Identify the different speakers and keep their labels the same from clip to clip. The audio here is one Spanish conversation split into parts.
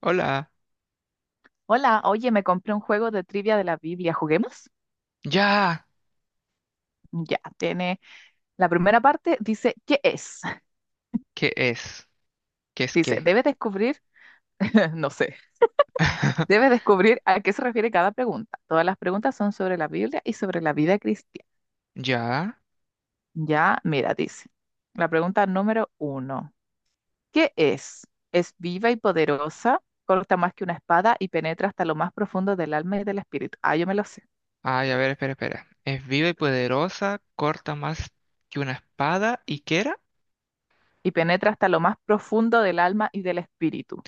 Speaker 1: Hola.
Speaker 2: Hola, oye, me compré un juego de trivia de la Biblia. ¿Juguemos?
Speaker 1: Ya.
Speaker 2: Ya, tiene la primera parte, dice, ¿qué es?
Speaker 1: ¿Qué es? ¿Qué es
Speaker 2: Dice,
Speaker 1: qué?
Speaker 2: debe descubrir, no sé, debe descubrir a qué se refiere cada pregunta. Todas las preguntas son sobre la Biblia y sobre la vida cristiana.
Speaker 1: Ya.
Speaker 2: Ya, mira, dice, la pregunta número uno, ¿qué es? Es viva y poderosa, corta más que una espada y penetra hasta lo más profundo del alma y del espíritu. Ah, yo me lo sé.
Speaker 1: Ay, a ver, espera, espera. Es viva y poderosa, corta más que una espada, ¿y qué era?
Speaker 2: Y penetra hasta lo más profundo del alma y del espíritu.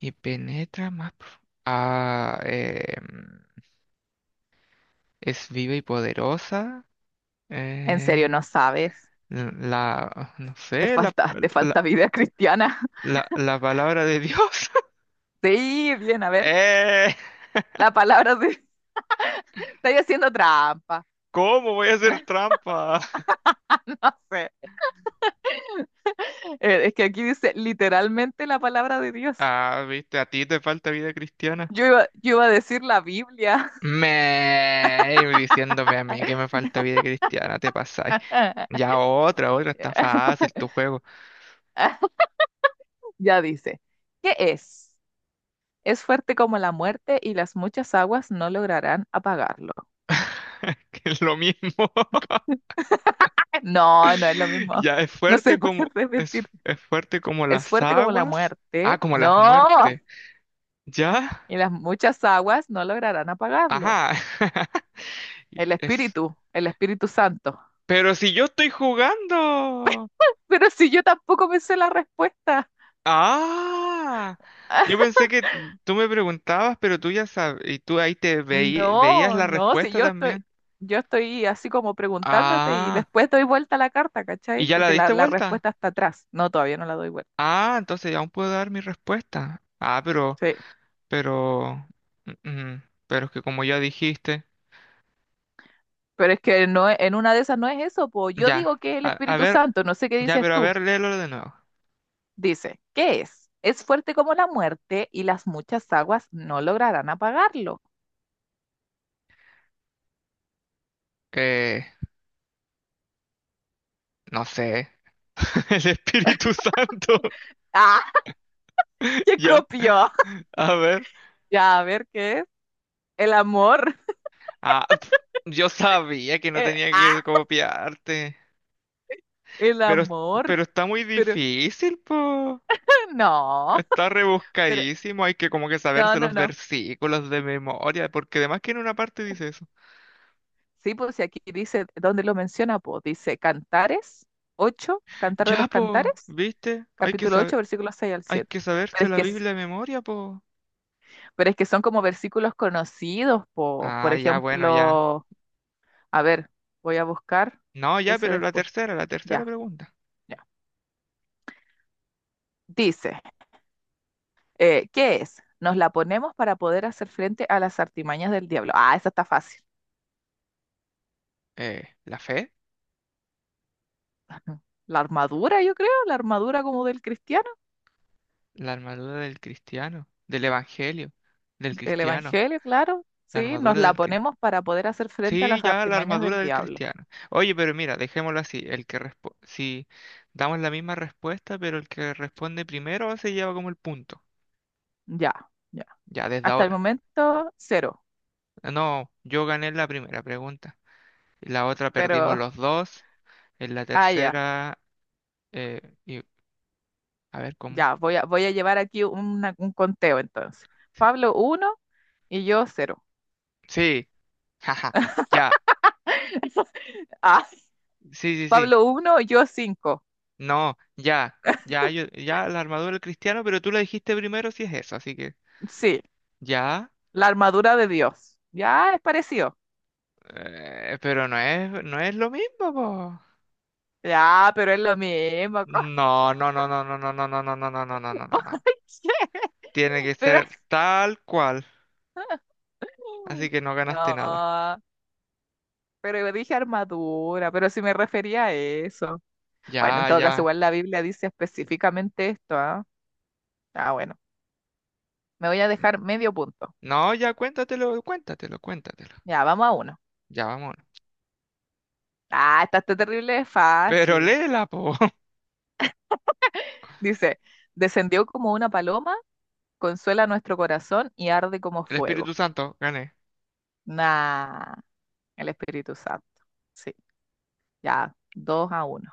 Speaker 1: Y penetra más. Ah, eh, es viva y poderosa.
Speaker 2: ¿En serio
Speaker 1: eh,
Speaker 2: no sabes?
Speaker 1: la, no
Speaker 2: Te
Speaker 1: sé,
Speaker 2: falta, te falta
Speaker 1: la,
Speaker 2: vida cristiana.
Speaker 1: la palabra de Dios.
Speaker 2: Sí, bien, a ver,
Speaker 1: Eh,
Speaker 2: la palabra de... Estáis haciendo trampa.
Speaker 1: ¿cómo voy a hacer trampa?
Speaker 2: No sé. Es que aquí dice literalmente la palabra de Dios.
Speaker 1: Ah, viste, a ti te falta vida cristiana.
Speaker 2: Yo iba a decir la Biblia.
Speaker 1: Me Diciéndome a mí que me falta vida cristiana, te pasáis. Ya, otra, otra, está fácil tu juego.
Speaker 2: Ya dice, ¿qué es? Es fuerte como la muerte y las muchas aguas no lograrán apagarlo.
Speaker 1: Que es lo mismo.
Speaker 2: No, no es lo mismo.
Speaker 1: Ya, es
Speaker 2: No
Speaker 1: fuerte
Speaker 2: se puede repetir.
Speaker 1: es fuerte como
Speaker 2: Es
Speaker 1: las
Speaker 2: fuerte como la
Speaker 1: aguas. Ah,
Speaker 2: muerte.
Speaker 1: como las
Speaker 2: No.
Speaker 1: muertes. ¿Ya?
Speaker 2: Y las muchas aguas no lograrán apagarlo.
Speaker 1: Ajá. Y
Speaker 2: El
Speaker 1: Es.
Speaker 2: Espíritu, el Espíritu Santo.
Speaker 1: Pero si yo estoy jugando.
Speaker 2: Pero si yo tampoco me sé la respuesta.
Speaker 1: Ah. Yo pensé que tú me preguntabas, pero tú ya sabes, y tú ahí te veías
Speaker 2: No,
Speaker 1: la
Speaker 2: no, si
Speaker 1: respuesta
Speaker 2: yo estoy,
Speaker 1: también.
Speaker 2: yo estoy así como preguntándote y
Speaker 1: Ah.
Speaker 2: después doy vuelta a la carta,
Speaker 1: ¿Y
Speaker 2: ¿cachai?
Speaker 1: ya la
Speaker 2: Porque la,
Speaker 1: diste
Speaker 2: la
Speaker 1: vuelta?
Speaker 2: respuesta está atrás. No, todavía no la doy vuelta.
Speaker 1: Ah, entonces ya aún puedo dar mi respuesta.
Speaker 2: Sí.
Speaker 1: Pero, pero es que como ya dijiste,
Speaker 2: Pero es que no, en una de esas no es eso, pues yo digo
Speaker 1: ya,
Speaker 2: que es el
Speaker 1: a
Speaker 2: Espíritu
Speaker 1: ver,
Speaker 2: Santo, no sé qué
Speaker 1: ya,
Speaker 2: dices
Speaker 1: pero a
Speaker 2: tú.
Speaker 1: ver, léelo de nuevo.
Speaker 2: Dice, ¿qué es? Es fuerte como la muerte y las muchas aguas no lograrán apagarlo.
Speaker 1: Eh, no sé, el Espíritu Santo.
Speaker 2: ¡Ah! ¡Qué
Speaker 1: ya,
Speaker 2: copió!
Speaker 1: a ver.
Speaker 2: Ya, a ver, ¿qué es? El amor.
Speaker 1: ah, pf, yo sabía que no tenía que
Speaker 2: ¡Ah!
Speaker 1: copiarte,
Speaker 2: El
Speaker 1: pero,
Speaker 2: amor,
Speaker 1: pero está muy
Speaker 2: pero
Speaker 1: difícil, po.
Speaker 2: no,
Speaker 1: Está
Speaker 2: pero
Speaker 1: rebuscadísimo, hay que como que
Speaker 2: no,
Speaker 1: saberse
Speaker 2: no,
Speaker 1: los
Speaker 2: no.
Speaker 1: versículos de memoria, porque además que en una parte dice eso.
Speaker 2: Sí, pues si aquí dice, ¿dónde lo menciona? Pues dice Cantares 8, Cantar de
Speaker 1: Ya,
Speaker 2: los
Speaker 1: po,
Speaker 2: Cantares,
Speaker 1: ¿viste? Hay que
Speaker 2: capítulo 8,
Speaker 1: saber,
Speaker 2: versículos 6 al
Speaker 1: hay
Speaker 2: 7.
Speaker 1: que
Speaker 2: Pero
Speaker 1: saberse
Speaker 2: es
Speaker 1: la
Speaker 2: que, s-
Speaker 1: Biblia de memoria, po.
Speaker 2: pero es que son como versículos conocidos, pues, por
Speaker 1: Ah, ya, bueno, ya.
Speaker 2: ejemplo, a ver, voy a buscar
Speaker 1: No, ya,
Speaker 2: ese
Speaker 1: pero
Speaker 2: después.
Speaker 1: la tercera
Speaker 2: Ya,
Speaker 1: pregunta.
Speaker 2: ya. Dice, ¿qué es? Nos la ponemos para poder hacer frente a las artimañas del diablo. Ah, esa está fácil.
Speaker 1: ¿La fe?
Speaker 2: La armadura, yo creo, la armadura como del cristiano.
Speaker 1: La armadura del cristiano, del evangelio, del
Speaker 2: Del
Speaker 1: cristiano,
Speaker 2: Evangelio, claro.
Speaker 1: la
Speaker 2: Sí, nos
Speaker 1: armadura
Speaker 2: la
Speaker 1: del cristiano.
Speaker 2: ponemos para poder hacer frente a
Speaker 1: Sí,
Speaker 2: las
Speaker 1: ya, la
Speaker 2: artimañas
Speaker 1: armadura
Speaker 2: del
Speaker 1: del
Speaker 2: diablo.
Speaker 1: cristiano. Oye, pero mira, dejémoslo así. El que si damos la misma respuesta, pero el que responde primero se lleva como el punto.
Speaker 2: Ya, ya.
Speaker 1: Ya desde
Speaker 2: Hasta el
Speaker 1: ahora.
Speaker 2: momento, cero.
Speaker 1: Ah, no, yo gané la primera pregunta. La otra perdimos
Speaker 2: Pero,
Speaker 1: los dos. En la
Speaker 2: ah, ya,
Speaker 1: tercera, eh, y- a ver cómo.
Speaker 2: ya. Voy a llevar aquí un conteo entonces.
Speaker 1: Sí,
Speaker 2: Pablo uno y yo cero.
Speaker 1: sí, jaja, ya.
Speaker 2: Ah,
Speaker 1: Sí, sí, sí.
Speaker 2: Pablo 1, yo cinco.
Speaker 1: No, ya, ya, ya la armadura del cristiano, pero tú la dijiste primero si es eso, así que
Speaker 2: Sí,
Speaker 1: ya.
Speaker 2: la armadura de Dios. Ya, es parecido.
Speaker 1: Pero no es, no es lo mismo, po.
Speaker 2: Ya, pero es lo mismo.
Speaker 1: No, no, no, no, no, no, no, no, no, no, no, no, no, no, no,
Speaker 2: ¿Por
Speaker 1: no.
Speaker 2: qué?
Speaker 1: Tiene que
Speaker 2: Pero...
Speaker 1: ser tal cual. Así que no ganaste nada.
Speaker 2: No, pero yo dije armadura, pero si me refería a eso. Bueno, en
Speaker 1: Ya,
Speaker 2: todo caso,
Speaker 1: ya.
Speaker 2: igual la Biblia dice específicamente esto, ¿ah? Ah, bueno, me voy a dejar medio punto.
Speaker 1: No, ya cuéntatelo, cuéntatelo, cuéntatelo.
Speaker 2: Ya, vamos a uno.
Speaker 1: Ya, vamos.
Speaker 2: Ah, esta está terrible, es
Speaker 1: Pero
Speaker 2: fácil.
Speaker 1: léela, po.
Speaker 2: Dice, descendió como una paloma, consuela nuestro corazón y arde como
Speaker 1: El Espíritu
Speaker 2: fuego.
Speaker 1: Santo, gané.
Speaker 2: Nah, el Espíritu Santo. Sí, ya, 2-1.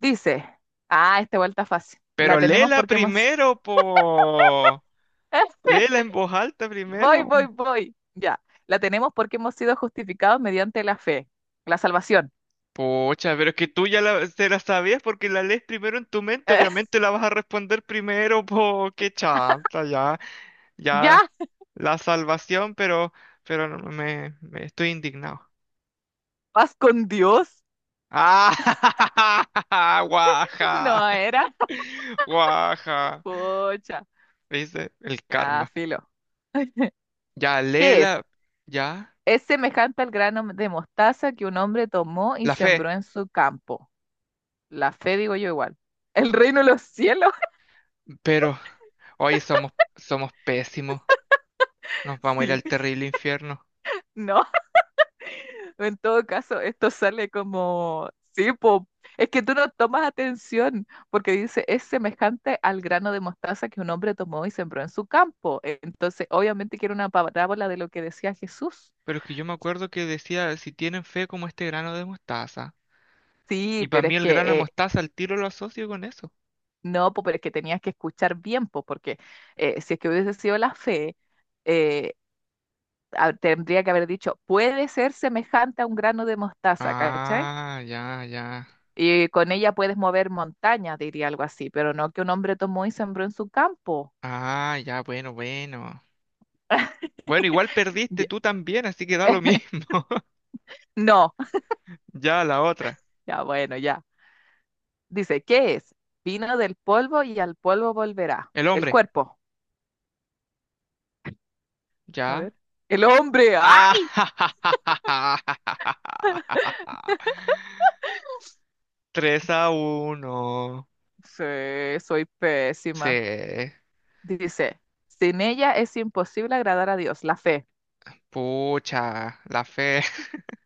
Speaker 2: Dice, ah, esta vuelta fácil. La
Speaker 1: Pero
Speaker 2: tenemos
Speaker 1: léela
Speaker 2: porque hemos...
Speaker 1: primero, po. Léela en voz alta
Speaker 2: Voy,
Speaker 1: primero.
Speaker 2: voy, voy. Ya. La tenemos porque hemos sido justificados mediante la fe, la salvación.
Speaker 1: Pocha, pero es que tú ya te la sabías porque la lees primero en tu mente,
Speaker 2: Eh,
Speaker 1: obviamente la vas a responder primero, po, qué chanta. Ya,
Speaker 2: ya.
Speaker 1: ya, la salvación, pero no, me estoy indignado.
Speaker 2: Paz con Dios.
Speaker 1: ¡Ah!
Speaker 2: No
Speaker 1: ¡Guaja!
Speaker 2: era.
Speaker 1: ¡Guaja!
Speaker 2: Pucha.
Speaker 1: ¿Viste? El
Speaker 2: Ya,
Speaker 1: karma.
Speaker 2: filo.
Speaker 1: Ya,
Speaker 2: ¿Qué es?
Speaker 1: Lela, ya,
Speaker 2: Es semejante al grano de mostaza que un hombre tomó y
Speaker 1: la fe,
Speaker 2: sembró en su campo. La fe, digo yo igual. ¿El reino de los cielos?
Speaker 1: pero hoy somos, somos pésimos, nos vamos a ir al
Speaker 2: Sí.
Speaker 1: terrible infierno.
Speaker 2: No. O en todo caso, esto sale como, sí, po, es que tú no tomas atención, porque dice, es semejante al grano de mostaza que un hombre tomó y sembró en su campo. Entonces, obviamente que era una parábola de lo que decía Jesús.
Speaker 1: Pero es que yo me acuerdo que decía, si tienen fe como este grano de mostaza.
Speaker 2: Sí,
Speaker 1: Y para
Speaker 2: pero
Speaker 1: mí
Speaker 2: es
Speaker 1: el grano de
Speaker 2: que,
Speaker 1: mostaza al tiro lo asocio con eso.
Speaker 2: no, po, pero es que tenías que escuchar bien, po, porque si es que hubiese sido la fe, eh, tendría que haber dicho, puede ser semejante a un grano de mostaza, ¿cachai?
Speaker 1: Ah, ya, ya.
Speaker 2: Y con ella puedes mover montañas, diría algo así, pero no que un hombre tomó y sembró en su campo.
Speaker 1: Ah, ya, bueno, bueno. Bueno, igual perdiste
Speaker 2: Ya-
Speaker 1: tú también, así que da lo mismo.
Speaker 2: No,
Speaker 1: Ya, la otra.
Speaker 2: ya bueno, ya. Dice, ¿qué es? Vino del polvo y al polvo volverá.
Speaker 1: El
Speaker 2: El
Speaker 1: hombre.
Speaker 2: cuerpo. A
Speaker 1: Ya.
Speaker 2: ver. El hombre. ¡Ay!
Speaker 1: Ah, 3-1.
Speaker 2: Sí, soy pésima.
Speaker 1: Sí.
Speaker 2: Dice, sin ella es imposible agradar a Dios. La fe.
Speaker 1: Pucha, la fe.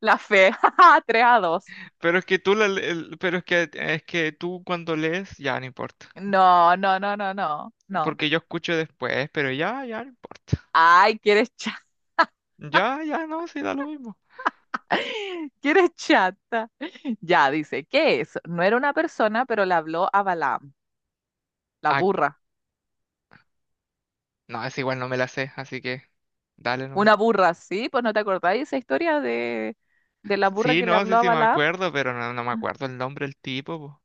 Speaker 2: La fe. ¡Ja, ja! 3-2.
Speaker 1: Pero es que tú pero es que tú cuando lees ya no importa,
Speaker 2: No, no, no, no, no. No.
Speaker 1: porque yo escucho después, pero ya ya no importa.
Speaker 2: Ay, quieres
Speaker 1: Ya ya no, sí da lo mismo.
Speaker 2: que eres chata. Ya, dice, ¿qué es? No era una persona, pero le habló a Balaam, la
Speaker 1: Ah,
Speaker 2: burra.
Speaker 1: no, es igual no me la sé, así que dale nomás.
Speaker 2: Una burra, sí, pues no te acordáis esa historia de la burra
Speaker 1: Sí,
Speaker 2: que le
Speaker 1: no, sí
Speaker 2: habló a
Speaker 1: sí me
Speaker 2: Balaam.
Speaker 1: acuerdo, pero no, no me acuerdo el nombre del tipo, po.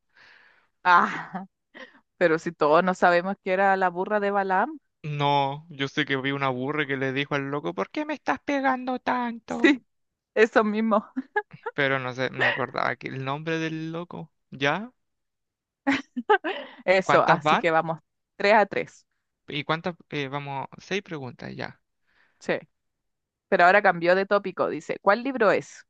Speaker 2: Ah, pero si todos no sabemos que era la burra de Balaam.
Speaker 1: No, yo sé que vi una burra que le dijo al loco, "¿Por qué me estás pegando tanto?"
Speaker 2: Sí, eso mismo.
Speaker 1: Pero no sé, no me acordaba que el nombre del loco. ¿Ya?
Speaker 2: Eso,
Speaker 1: ¿Cuántas
Speaker 2: así
Speaker 1: van?
Speaker 2: que vamos, 3-3.
Speaker 1: ¿Y cuántas vamos? 6 preguntas ya.
Speaker 2: Sí, pero ahora cambió de tópico. Dice, ¿cuál libro es?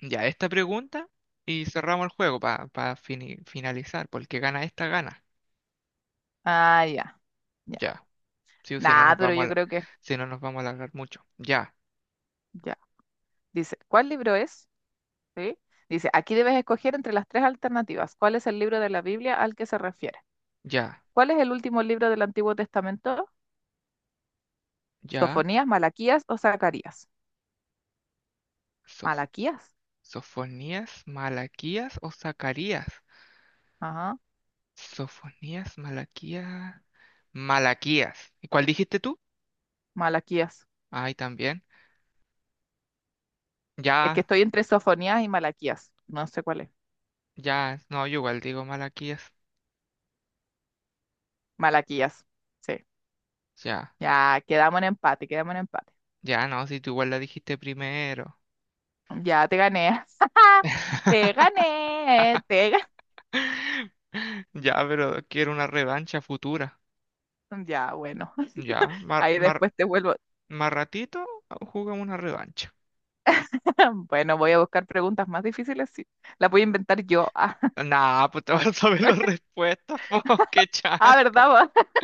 Speaker 1: Ya, esta pregunta y cerramos el juego para finalizar, porque el que gana esta gana.
Speaker 2: Ah, ya, ya.
Speaker 1: Ya, sí, o si no
Speaker 2: Nah,
Speaker 1: nos
Speaker 2: pero
Speaker 1: vamos a,
Speaker 2: yo creo que
Speaker 1: si no nos vamos a alargar mucho. Ya,
Speaker 2: ya. Dice, ¿cuál libro es? ¿Sí? Dice, aquí debes escoger entre las tres alternativas. ¿Cuál es el libro de la Biblia al que se refiere?
Speaker 1: ya,
Speaker 2: ¿Cuál es el último libro del Antiguo Testamento?
Speaker 1: ya.
Speaker 2: ¿Sofonías, Malaquías o Zacarías?
Speaker 1: Sof-
Speaker 2: Malaquías.
Speaker 1: Sofonías, Malaquías o Zacarías.
Speaker 2: Ajá,
Speaker 1: Sofonías, Malaquías, Malaquías. ¿Y cuál dijiste tú?
Speaker 2: Malaquías.
Speaker 1: Ay, también.
Speaker 2: Es que
Speaker 1: Ya,
Speaker 2: estoy entre Sofonías y Malaquías. No sé cuál es.
Speaker 1: ya, no, yo igual digo Malaquías.
Speaker 2: Malaquías. Sí.
Speaker 1: Ya,
Speaker 2: Ya, quedamos en empate, quedamos en empate.
Speaker 1: ya, no, si tú igual la dijiste primero.
Speaker 2: Ya te gané. Te gané, te gané.
Speaker 1: Ya, pero quiero una revancha futura.
Speaker 2: Ya, bueno.
Speaker 1: Ya, más
Speaker 2: Ahí después te vuelvo.
Speaker 1: más ratito jugamos una revancha.
Speaker 2: Bueno, voy a buscar preguntas más difíciles. Sí. Las voy a inventar yo.
Speaker 1: Nah, pues te vas a saber las respuestas, po, qué
Speaker 2: Ah,
Speaker 1: chanta.
Speaker 2: ¿verdad? ¿Vos?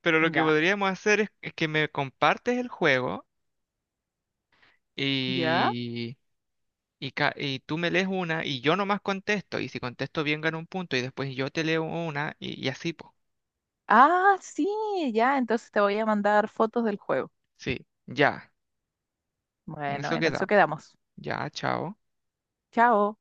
Speaker 1: Pero lo que
Speaker 2: Ya.
Speaker 1: podríamos hacer es que me compartes el juego
Speaker 2: ¿Ya?
Speaker 1: y, y, y tú me lees una y yo nomás contesto. Y si contesto bien gano un punto y después yo te leo una y así, pues.
Speaker 2: Ah, sí, ya. Entonces te voy a mandar fotos del juego.
Speaker 1: Sí, ya, en
Speaker 2: Bueno,
Speaker 1: eso
Speaker 2: en eso
Speaker 1: quedamos.
Speaker 2: quedamos.
Speaker 1: Ya, chao.
Speaker 2: Chao.